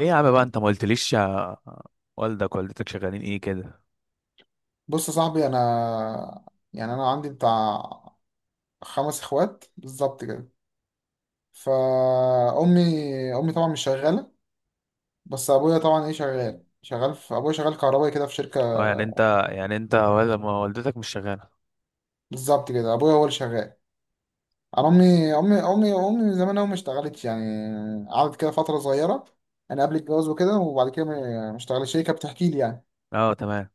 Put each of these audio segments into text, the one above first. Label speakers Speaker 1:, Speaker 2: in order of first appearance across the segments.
Speaker 1: ايه يا عم بقى، انت ما قلتليش يا والدك والدتك شغالين ايه كده؟
Speaker 2: بص يا صاحبي، انا عندي بتاع 5 اخوات بالظبط كده. فامي طبعا مش شغاله. بس ابويا طبعا، ايه، شغال شغال في ابويا شغال كهربائي كده في شركه.
Speaker 1: اه، يعني انت يعني انت ولا ما، والدتك مش شغاله؟
Speaker 2: بالظبط كده، ابويا هو اللي شغال. انا امي من زمان أوي ما اشتغلتش، يعني قعدت كده فتره صغيره انا قبل الجواز وكده، وبعد كده ما اشتغلتش، هي كانت بتحكي لي يعني.
Speaker 1: اه تمام.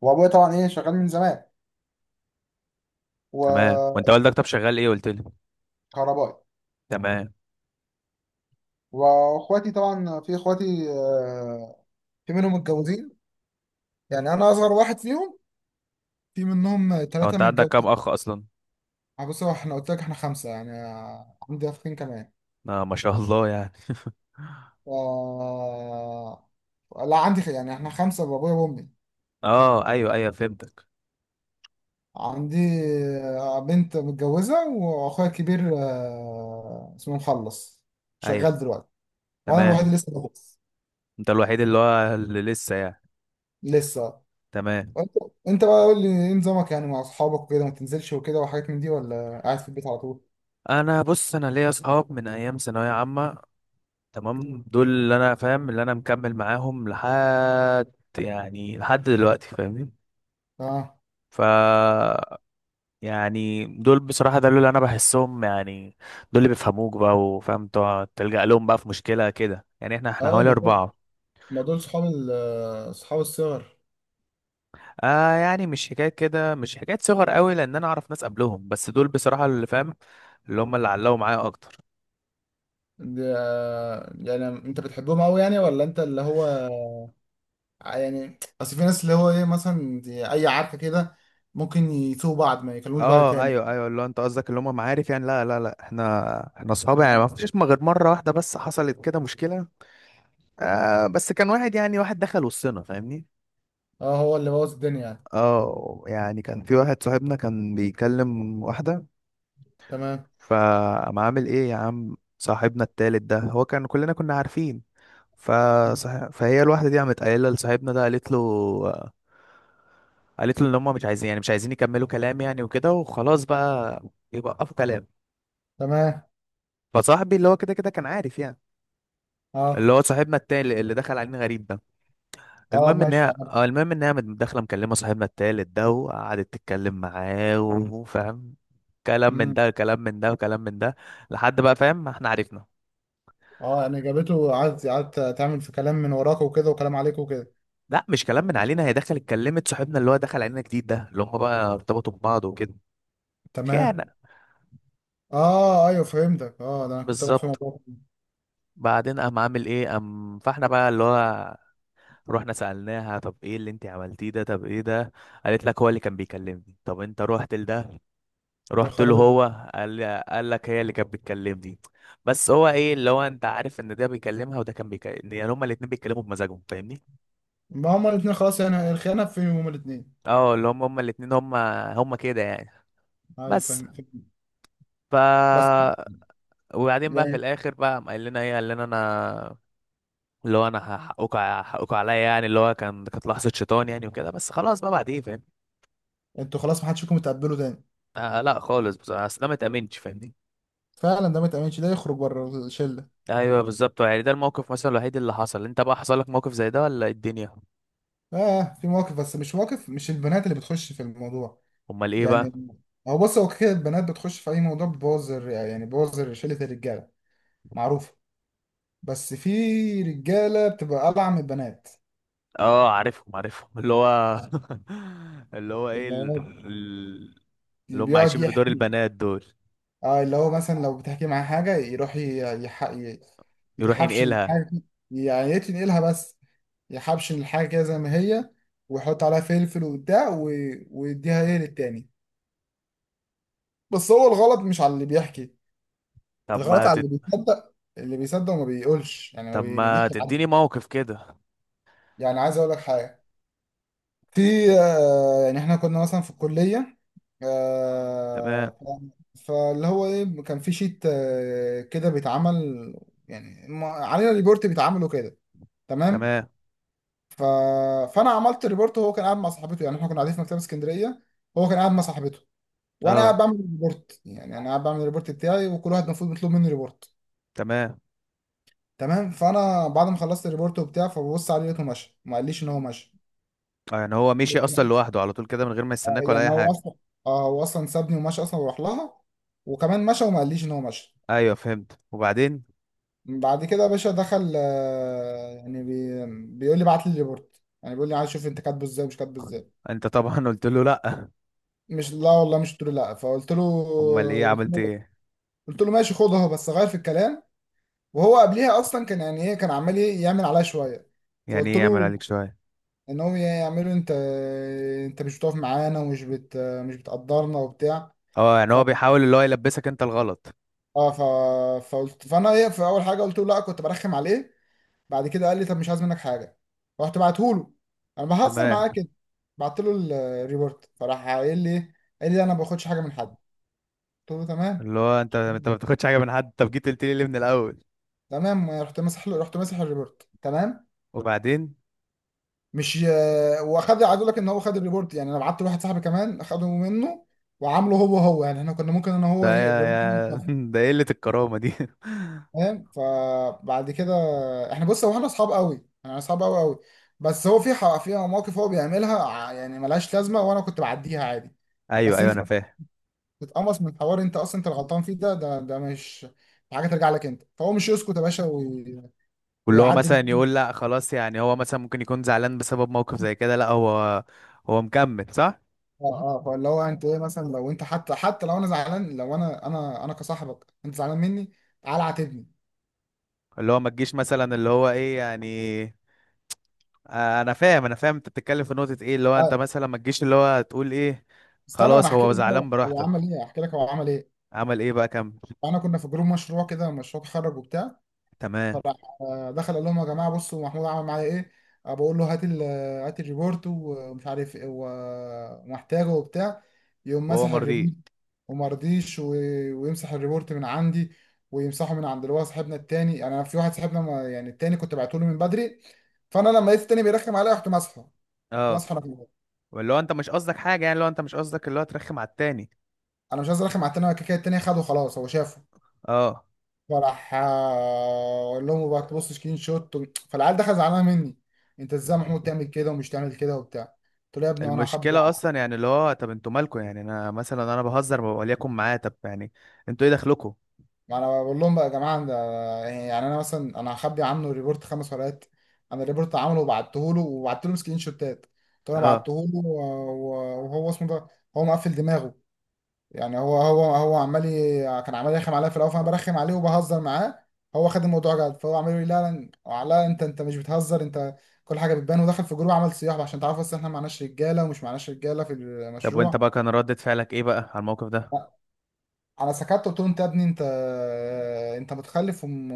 Speaker 2: وابويا طبعا، ايه، شغال من زمان،
Speaker 1: تمام، وانت
Speaker 2: وكهربائي.
Speaker 1: والدك طب شغال ايه قلت لي؟ تمام.
Speaker 2: واخواتي طبعا، في اخواتي، في منهم متجوزين. يعني انا اصغر واحد فيهم، في منهم
Speaker 1: هو
Speaker 2: ثلاثه
Speaker 1: انت عندك كام
Speaker 2: متجوزين
Speaker 1: اخ اصلا؟
Speaker 2: بص، هو احنا قلت لك احنا 5 يعني. عندي اخين كمان.
Speaker 1: اه ما شاء الله يعني.
Speaker 2: آه... لا، عندي يعني احنا 5 بابويا وامي.
Speaker 1: اه ايوه ايوه فهمتك.
Speaker 2: عندي بنت متجوزه، واخويا الكبير اسمه مخلص،
Speaker 1: ايوه.
Speaker 2: شغال دلوقتي. وانا
Speaker 1: تمام.
Speaker 2: الوحيد اللي لسه بدرس،
Speaker 1: انت الوحيد اللي هو اللي لسه يعني.
Speaker 2: لسه.
Speaker 1: تمام.
Speaker 2: وانت بقى قول لي، ايه نظامك يعني مع اصحابك وكده؟ ما تنزلش وكده وحاجات من دي، ولا قاعد في البيت على طول؟
Speaker 1: انا بص، انا ليا اصحاب من ايام ثانويه عامه. تمام، دول اللي انا فاهم، اللي انا مكمل معاهم لحد يعني لحد دلوقتي، فاهمني؟
Speaker 2: اه.
Speaker 1: ف يعني دول بصراحة ده اللي انا بحسهم يعني. دول اللي بيفهموك بقى، وفاهم تقعد تلجأ لهم بقى في مشكلة كده يعني. احنا
Speaker 2: اه،
Speaker 1: حوالي
Speaker 2: ما دول
Speaker 1: أربعة.
Speaker 2: ما دول صحاب صحاب الصغر.
Speaker 1: آه يعني مش حكاية كده، مش حكاية صغر قوي، لان انا اعرف ناس قبلهم، بس دول بصراحة اللي فاهم، اللي هم اللي علقوا معايا اكتر.
Speaker 2: دي، يعني انت بتحبهم قوي يعني، ولا انت اللي هو؟ يعني اصل في ناس، اللي هو، ايه، مثلا دي اي عركه كده ممكن يسوقوا بعض ما يكلموش بعض
Speaker 1: اه
Speaker 2: تاني.
Speaker 1: ايوه ايوه، اللي هو انت قصدك اللي هم معارف يعني. لا لا لا، احنا اصحاب يعني. ما فيش، ما غير مره واحده بس حصلت كده مشكله. آه بس كان واحد، يعني واحد دخل وسطنا فاهمني.
Speaker 2: اه، هو اللي بوظ الدنيا يعني.
Speaker 1: اه يعني كان في واحد صاحبنا كان بيكلم واحده.
Speaker 2: تمام.
Speaker 1: فقام عامل ايه يا عم، صاحبنا التالت ده هو كان، كلنا كنا عارفين. فهي الواحدة دي قامت قايلة لصاحبنا ده، قالت له، قالت له ان هم مش عايزين يعني مش عايزين يكملوا كلام يعني، وكده وخلاص بقى يوقفوا كلام.
Speaker 2: تمام.
Speaker 1: فصاحبي اللي هو كده كده كان عارف يعني،
Speaker 2: اه.
Speaker 1: اللي هو صاحبنا التالت اللي دخل علينا غريب ده.
Speaker 2: اه.
Speaker 1: المهم ان
Speaker 2: ماشي،
Speaker 1: هي
Speaker 2: عارف.
Speaker 1: المهم ان هي قامت داخله مكلمه صاحبنا التالت ده، وقعدت تتكلم معاه وفاهم، كلام من
Speaker 2: امم.
Speaker 1: ده كلام من ده وكلام من ده، لحد بقى فاهم ما احنا عرفنا.
Speaker 2: اه، يعني جابته قعدت تعمل في كلام من وراك وكده، وكلام عليك وكده.
Speaker 1: لا مش كلام من علينا، هي دخلت اتكلمت صاحبنا اللي هو دخل علينا جديد ده، اللي هم بقى ارتبطوا ببعض وكده. خيانة.
Speaker 2: تمام. اه، ايوه، فهمتك. اه، ده انا كنت رايح في
Speaker 1: بالظبط.
Speaker 2: موضوع.
Speaker 1: بعدين قام عامل ايه، قام فاحنا بقى اللي هو رحنا سألناها، طب ايه اللي انت عملتيه ده؟ طب ايه ده؟ قالت لك هو اللي كان بيكلمني. طب انت رحت لده،
Speaker 2: يا
Speaker 1: رحت له،
Speaker 2: خرابي.
Speaker 1: هو قال لك هي اللي كانت بتكلمني. بس هو ايه، اللي هو انت عارف ان ده بيكلمها وده كان بيكلم، يعني هما الاتنين بيتكلموا بمزاجهم فاهمني.
Speaker 2: ما هما الاثنين خلاص، يعني الخيانه في هما الاثنين.
Speaker 1: اه، اللي هم هما الاتنين، هما كده يعني.
Speaker 2: ايوه،
Speaker 1: بس.
Speaker 2: فاهم، فاهم.
Speaker 1: ف
Speaker 2: بس
Speaker 1: وبعدين بقى في
Speaker 2: يعني
Speaker 1: الاخر بقى قام قال لنا ايه، قال لنا انا، اللي هو انا هحقكوا عليا يعني، اللي هو كان، كانت لحظه شيطان يعني وكده، بس خلاص بقى بعد ايه فاهم.
Speaker 2: انتوا خلاص، ما حدش فيكم يتقبلوا تاني.
Speaker 1: آه لا خالص، بس اصل انا ما اتامنتش فاهمني.
Speaker 2: فعلا، ده ما يتأمنش، ده يخرج بره الشله.
Speaker 1: ايوه بالظبط. يعني ده الموقف مثلا الوحيد اللي حصل. انت بقى حصل لك موقف زي ده ولا إيه الدنيا؟
Speaker 2: اه، في مواقف، بس مش مواقف، مش البنات اللي بتخش في الموضوع.
Speaker 1: امال ايه بقى؟
Speaker 2: يعني هو، بص، هو كده البنات بتخش في اي موضوع، بتبوظ بتبوظ شله الرجاله، معروفه. بس في رجاله بتبقى ابعع من البنات،
Speaker 1: اه عارفهم عارفهم، اللي هو اللي هو ايه
Speaker 2: اللي
Speaker 1: ال-،
Speaker 2: هو
Speaker 1: ال-،
Speaker 2: اللي
Speaker 1: اللي هم
Speaker 2: بيقعد
Speaker 1: عايشين بدور
Speaker 2: يحكي.
Speaker 1: البنات دول.
Speaker 2: اه، اللي هو مثلا لو بتحكي معاه حاجه، يروح يح... ي-
Speaker 1: يروح
Speaker 2: يحبش
Speaker 1: ينقلها.
Speaker 2: الحاجه، يعني يتنقلها، بس يحبشن الحاجة كده زي ما هي، ويحط عليها فلفل وبتاع ويديها، ايه، للتاني. بس هو الغلط مش على اللي بيحكي،
Speaker 1: طب
Speaker 2: الغلط
Speaker 1: ما
Speaker 2: على
Speaker 1: تد...
Speaker 2: اللي بيصدق وما بيقولش، يعني ما
Speaker 1: طب ما
Speaker 2: بيجيش لحد.
Speaker 1: تديني موقف كده.
Speaker 2: يعني عايز اقول لك حاجة. في آه، يعني احنا كنا مثلا في الكلية،
Speaker 1: تمام.
Speaker 2: فاللي هو، ايه، كان في شيت كده بيتعمل، يعني علينا ريبورت بيتعمل وكده. تمام.
Speaker 1: تمام.
Speaker 2: ف... فانا عملت ريبورت، وهو كان قاعد مع صاحبته. يعني احنا كنا قاعدين في مكتبه اسكندريه، هو كان قاعد مع صاحبته وانا
Speaker 1: اه.
Speaker 2: بعمل ريبورت. يعني انا قاعد بعمل الريبورت بتاعي، وكل واحد المفروض بيطلب مني ريبورت.
Speaker 1: تمام.
Speaker 2: تمام. فانا بعد ما خلصت الريبورت وبتاع، فببص عليه، لقيته مشى، ما قاليش ان هو مشى.
Speaker 1: اه يعني هو مشي اصلا لوحده على طول كده، من غير ما يستناك ولا
Speaker 2: يعني
Speaker 1: اي
Speaker 2: هو
Speaker 1: حاجه؟
Speaker 2: اصلا اه هو اصلا سابني ومشى اصلا، وراح لها، وكمان مشى وما قاليش ان هو مشى.
Speaker 1: ايوه فهمت، وبعدين؟
Speaker 2: بعد كده يا باشا دخل، يعني بيقول لي بعت لي الريبورت، يعني بيقول لي عايز اشوف انت كاتبه ازاي، ومش كاتبه ازاي.
Speaker 1: انت طبعا قلت له لا.
Speaker 2: مش لا والله، مش قلت له لا، فقلت له،
Speaker 1: امال ايه عملت ايه؟
Speaker 2: قلت له ماشي، خد اهو بس غير في الكلام. وهو قبليها اصلا كان، يعني، ايه، كان عمال، إيه، يعمل عليا شويه.
Speaker 1: يعني
Speaker 2: فقلت
Speaker 1: ايه يعمل عليك
Speaker 2: له
Speaker 1: شويه؟
Speaker 2: ان هو يعمله، انت مش بتقف معانا، ومش بت مش بتقدرنا وبتاع.
Speaker 1: اه، يعني
Speaker 2: ف
Speaker 1: هو بيحاول اللي هو يلبسك انت الغلط.
Speaker 2: اه ف فقلت فانا، ايه، في اول حاجه قلت له لا، كنت برخم عليه. بعد كده قال لي طب مش عايز منك حاجه، رحت بعته له، انا بهزر
Speaker 1: تمام.
Speaker 2: معاه كده. بعت له الريبورت، فراح قايل لي إيه؟ قال لي لا، انا ما باخدش حاجه من حد. قلت له تمام.
Speaker 1: اللي هو انت، انت ما بتاخدش حاجه من حد، طب جيت قلت لي ليه من الاول؟
Speaker 2: تمام، رحت رحت ماسح الريبورت، تمام.
Speaker 1: وبعدين؟
Speaker 2: مش ي- واخد، عايز اقول لك ان هو خد الريبورت، يعني انا بعت لواحد صاحبي كمان، اخده منه وعامله هو، هو. يعني احنا كنا ممكن انا، هو،
Speaker 1: ده
Speaker 2: ايه،
Speaker 1: يا
Speaker 2: الريبورت دي
Speaker 1: يا
Speaker 2: يتنفذ.
Speaker 1: ده قله الكرامه دي
Speaker 2: فاهم؟ فبعد كده، احنا، بص، هو احنا اصحاب قوي قوي. بس هو في في مواقف هو بيعملها يعني ملهاش لازمه، وانا كنت بعديها عادي.
Speaker 1: ايوه
Speaker 2: بس
Speaker 1: ايوه
Speaker 2: انت
Speaker 1: انا فاهم.
Speaker 2: تتقمص من حوار انت اصلا انت الغلطان فيه، ده مش حاجه ترجع لك انت، فهو مش يسكت يا باشا وي-
Speaker 1: واللي هو مثلا
Speaker 2: ويعدل
Speaker 1: يقول لا خلاص، يعني هو مثلا ممكن يكون زعلان بسبب موقف زي كده. لا هو، هو مكمل صح؟
Speaker 2: اه. اه. اه. فاللي هو انت، ايه، مثلا لو انت، حتى لو انا زعلان، لو انا كصاحبك، انت زعلان مني، تعالى عاتبني.
Speaker 1: اللي هو ما تجيش مثلا اللي هو ايه يعني. انا فاهم انا فاهم، انت بتتكلم في نقطة ايه، اللي هو انت
Speaker 2: اه،
Speaker 1: مثلا ما تجيش اللي هو تقول ايه.
Speaker 2: استنى، ما انا
Speaker 1: خلاص
Speaker 2: هحكي
Speaker 1: هو
Speaker 2: لك هو
Speaker 1: زعلان
Speaker 2: هو عمل
Speaker 1: براحتك.
Speaker 2: ايه، هحكي لك هو عمل ايه.
Speaker 1: عمل ايه بقى، كمل.
Speaker 2: انا كنا في جروب مشروع كده، مشروع تخرج وبتاع.
Speaker 1: تمام.
Speaker 2: فراح دخل قال لهم يا جماعه، بصوا محمود عمل معايا ايه. بقول له هات الريبورت ومش عارف ايه، و- ومحتاجه وبتاع. يقوم
Speaker 1: وهو
Speaker 2: مسح الريبورت
Speaker 1: مرضي؟
Speaker 2: وما رضيش، و- ويمسح الريبورت من عندي، ويمسحه من عند اللي هو صاحبنا التاني. يعني انا في واحد صاحبنا، يعني التاني كنت بعته له من بدري. فانا لما لقيت التاني بيرخم عليا، رحت ماسحه رحت
Speaker 1: اه.
Speaker 2: ماسحه انا كمان.
Speaker 1: واللي هو انت مش قصدك حاجة، يعني اللي هو انت مش قصدك اللي هو ترخم على التاني.
Speaker 2: انا مش عايز ارخم على التاني، أنا كده كده التاني خده خلاص، هو شافه.
Speaker 1: اه.
Speaker 2: فراح اقول لهم بقى تبص سكرين شوت، فالعيال دخل زعلانه مني. انت ازاي يا محمود تعمل كده ومش تعمل كده وبتاع؟ قلت له يا ابني، وانا هخبي
Speaker 1: المشكلة اصلا يعني، اللي هو طب انتوا مالكوا يعني، انا مثلا انا بهزر وليكن معاه، طب يعني انتوا ايه دخلكوا؟
Speaker 2: ما انا بقول لهم بقى يا جماعه ده. يعني انا مثلا هخبي عنه ريبورت 5 ورقات؟ انا الريبورت عامله وبعته له وبعت له سكرين شوتات. قلت له انا
Speaker 1: اه.
Speaker 2: بعته له، و- و- وهو اسمه ده، هو مقفل دماغه. يعني هو كان عمال يرخم عليا في الاول، فانا برخم عليه وبهزر معاه. هو خد الموضوع جد، فهو عمال يقول لي لا. لا، لا، انت مش بتهزر انت، كل حاجه بتبان، ودخل في جروب عمل صياح بقى عشان تعرفوا اصل احنا معناش رجاله، ومش معناش رجاله في
Speaker 1: طب وانت
Speaker 2: المشروع.
Speaker 1: بقى كان ردة فعلك ايه بقى على الموقف ده؟
Speaker 2: انا سكت، قلت له انت يا ابني انت متخلف، وم-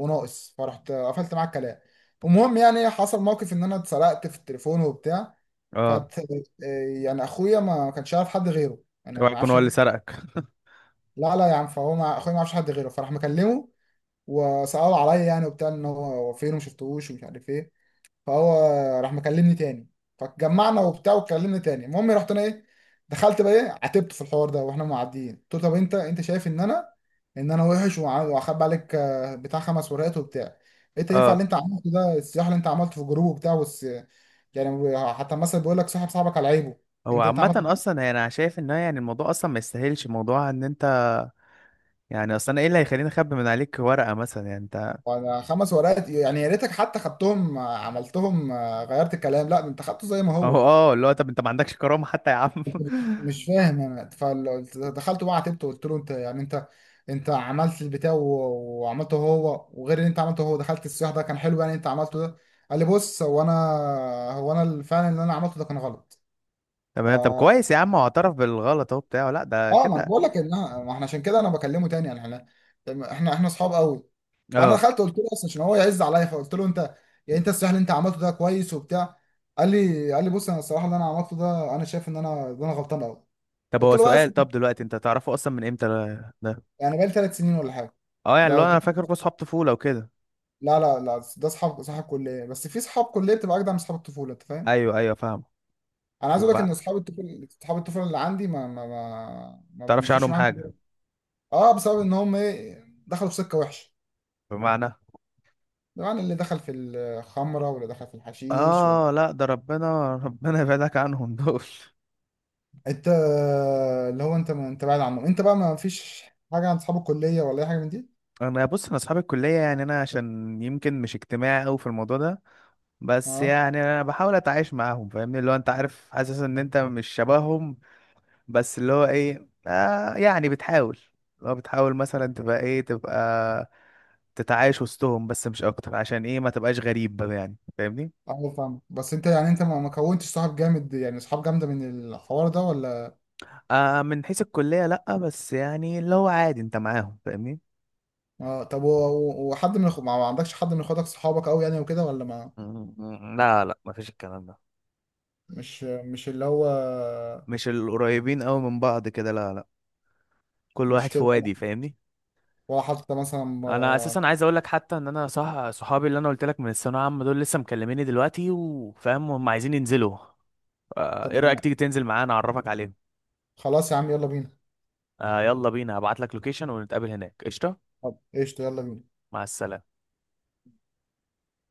Speaker 2: وناقص. فرحت قفلت معاه الكلام. المهم، يعني حصل موقف ان انا اتسرقت في التليفون وبتاع.
Speaker 1: اه.
Speaker 2: فت يعني اخويا ما كانش عارف حد غيره، انا
Speaker 1: اوعى
Speaker 2: ما
Speaker 1: يكون
Speaker 2: اعرفش.
Speaker 1: هو اللي سرقك.
Speaker 2: لا، لا يا عم، فهو مع اخويا ما يعرفش حد غيره. فراح مكلمه، وسألوا عليا يعني وبتاع، ان هو فين، وما شفتهوش ومش عارف ايه. فهو راح مكلمني تاني، فاتجمعنا وبتاع وكلمني تاني. المهم رحت انا، ايه، دخلت بقى، ايه، عاتبته في الحوار ده، واحنا معديين قلت له طب انت شايف ان انا وحش، وع- واخبي عليك بتاع 5 ورقات وبتاع. انت ينفع
Speaker 1: اه.
Speaker 2: اللي انت عملته ده، الصياح اللي انت عملته في الجروب وبتاع، يعني حتى مثلا بيقول لك صاحب صاحبك على عيبه.
Speaker 1: هو
Speaker 2: انت
Speaker 1: عامة
Speaker 2: عملت ده؟
Speaker 1: اصلا، يعني انا شايف ان هو، يعني الموضوع اصلا ما يستاهلش موضوع ان انت، يعني اصل انا ايه اللي هيخليني اخبي من عليك ورقه مثلا، يعني انت
Speaker 2: وانا خمس ورقات، يعني يا ريتك حتى خدتهم عملتهم، غيرت الكلام. لا، ده انت خدته زي ما
Speaker 1: اهو.
Speaker 2: هو.
Speaker 1: اه، اللي هو طب انت ما عندكش كرامه حتى يا عم؟
Speaker 2: انت مش فاهم انا. فدخلت بقى عاتبته، قلت له انت، يعني انت عملت البتاع، و- وعملته هو وغير اللي انت عملته هو، دخلت السياح ده كان حلو يعني. انت عملته ده؟ قال لي بص، هو انا فعلا اللي انا عملته ده كان غلط. ف
Speaker 1: تمام. طب كويس يا عم هو اعترف بالغلط اهو بتاعه، لا ده
Speaker 2: اه ما انا
Speaker 1: كده.
Speaker 2: بقول لك ان ما احنا عشان كده انا بكلمه تاني. يعني احنا اصحاب قوي. فانا
Speaker 1: اه.
Speaker 2: دخلت قلت له اصلا عشان هو يعز عليا، فقلت له انت، يعني انت، السياح اللي انت عملته ده كويس وبتاع. قال لي بص، انا الصراحه اللي انا عملته ده انا شايف ان انا غلطان قوي.
Speaker 1: طب
Speaker 2: قلت
Speaker 1: هو
Speaker 2: له بس
Speaker 1: سؤال، طب دلوقتي انت تعرفه اصلا من امتى ده؟
Speaker 2: يعني بقالي 3 سنين ولا حاجه.
Speaker 1: اه يعني اللي هو
Speaker 2: ده
Speaker 1: انا فاكركوا اصحاب طفوله وكده.
Speaker 2: لا، لا، لا، ده صحاب كليه. بس في صحاب كليه بتبقى اجدع من صحاب الطفوله انت فاهم.
Speaker 1: ايوه ايوه فاهم.
Speaker 2: انا عايز اقول لك ان
Speaker 1: وبقى
Speaker 2: اصحاب الطفوله اللي عندي، ما
Speaker 1: تعرفش
Speaker 2: بمشيش
Speaker 1: عنهم
Speaker 2: معاهم
Speaker 1: حاجه؟
Speaker 2: دلوقتي. اه، بسبب ان هم، ايه، دخلوا في سكه وحشه.
Speaker 1: بمعنى؟
Speaker 2: يعني اللي دخل في الخمره، واللي دخل في الحشيش،
Speaker 1: اه لا ده ربنا ربنا يبعدك عنهم دول
Speaker 2: انت اللي هو انت ما انت بعيد عنه. انت بقى ما فيش حاجه عن اصحاب الكليه، ولا اي حاجه من دي؟
Speaker 1: انا بص، انا اصحاب الكليه يعني، انا عشان يمكن مش اجتماعي قوي في الموضوع ده، بس
Speaker 2: اه.
Speaker 1: يعني انا بحاول اتعايش معاهم فاهمني، اللي هو انت عارف حاسس ان انت مش شبههم. بس اللي هو ايه آه يعني بتحاول، اللي هو بتحاول مثلا تبقى ايه، تبقى تتعايش وسطهم بس مش اكتر، عشان ايه ما تبقاش غريب بقى يعني فاهمني.
Speaker 2: اه، فاهم. بس انت ما كونتش صحاب جامد، يعني صحاب جامده من الحوار ده، ولا؟
Speaker 1: آه من حيث الكلية لأ، بس يعني اللي هو عادي انت معاهم فاهمني.
Speaker 2: اه طب و- و- وحد من ما عندكش حد من اخواتك صحابك قوي يعني وكده، ولا؟ ما
Speaker 1: م-، م-، لا لا، مفيش الكلام ده،
Speaker 2: مش اللي هو،
Speaker 1: مش القريبين قوي من بعض كده، لا لا. كل
Speaker 2: مش
Speaker 1: واحد في
Speaker 2: كده،
Speaker 1: وادي فاهمني.
Speaker 2: ولا حتى مثلا
Speaker 1: انا اساسا عايز اقول لك حتى ان انا صح، صحابي اللي انا قلت لك من الثانويه العامه دول، لسه مكلميني دلوقتي وفاهم هم عايزين ينزلوا.
Speaker 2: طب
Speaker 1: ايه رايك تيجي تنزل معانا اعرفك عليهم؟
Speaker 2: خلاص يا عم، يلا بينا.
Speaker 1: يلا بينا، هبعت لك لوكيشن ونتقابل هناك قشطه.
Speaker 2: طب قشطة، يلا بينا.
Speaker 1: مع السلامه.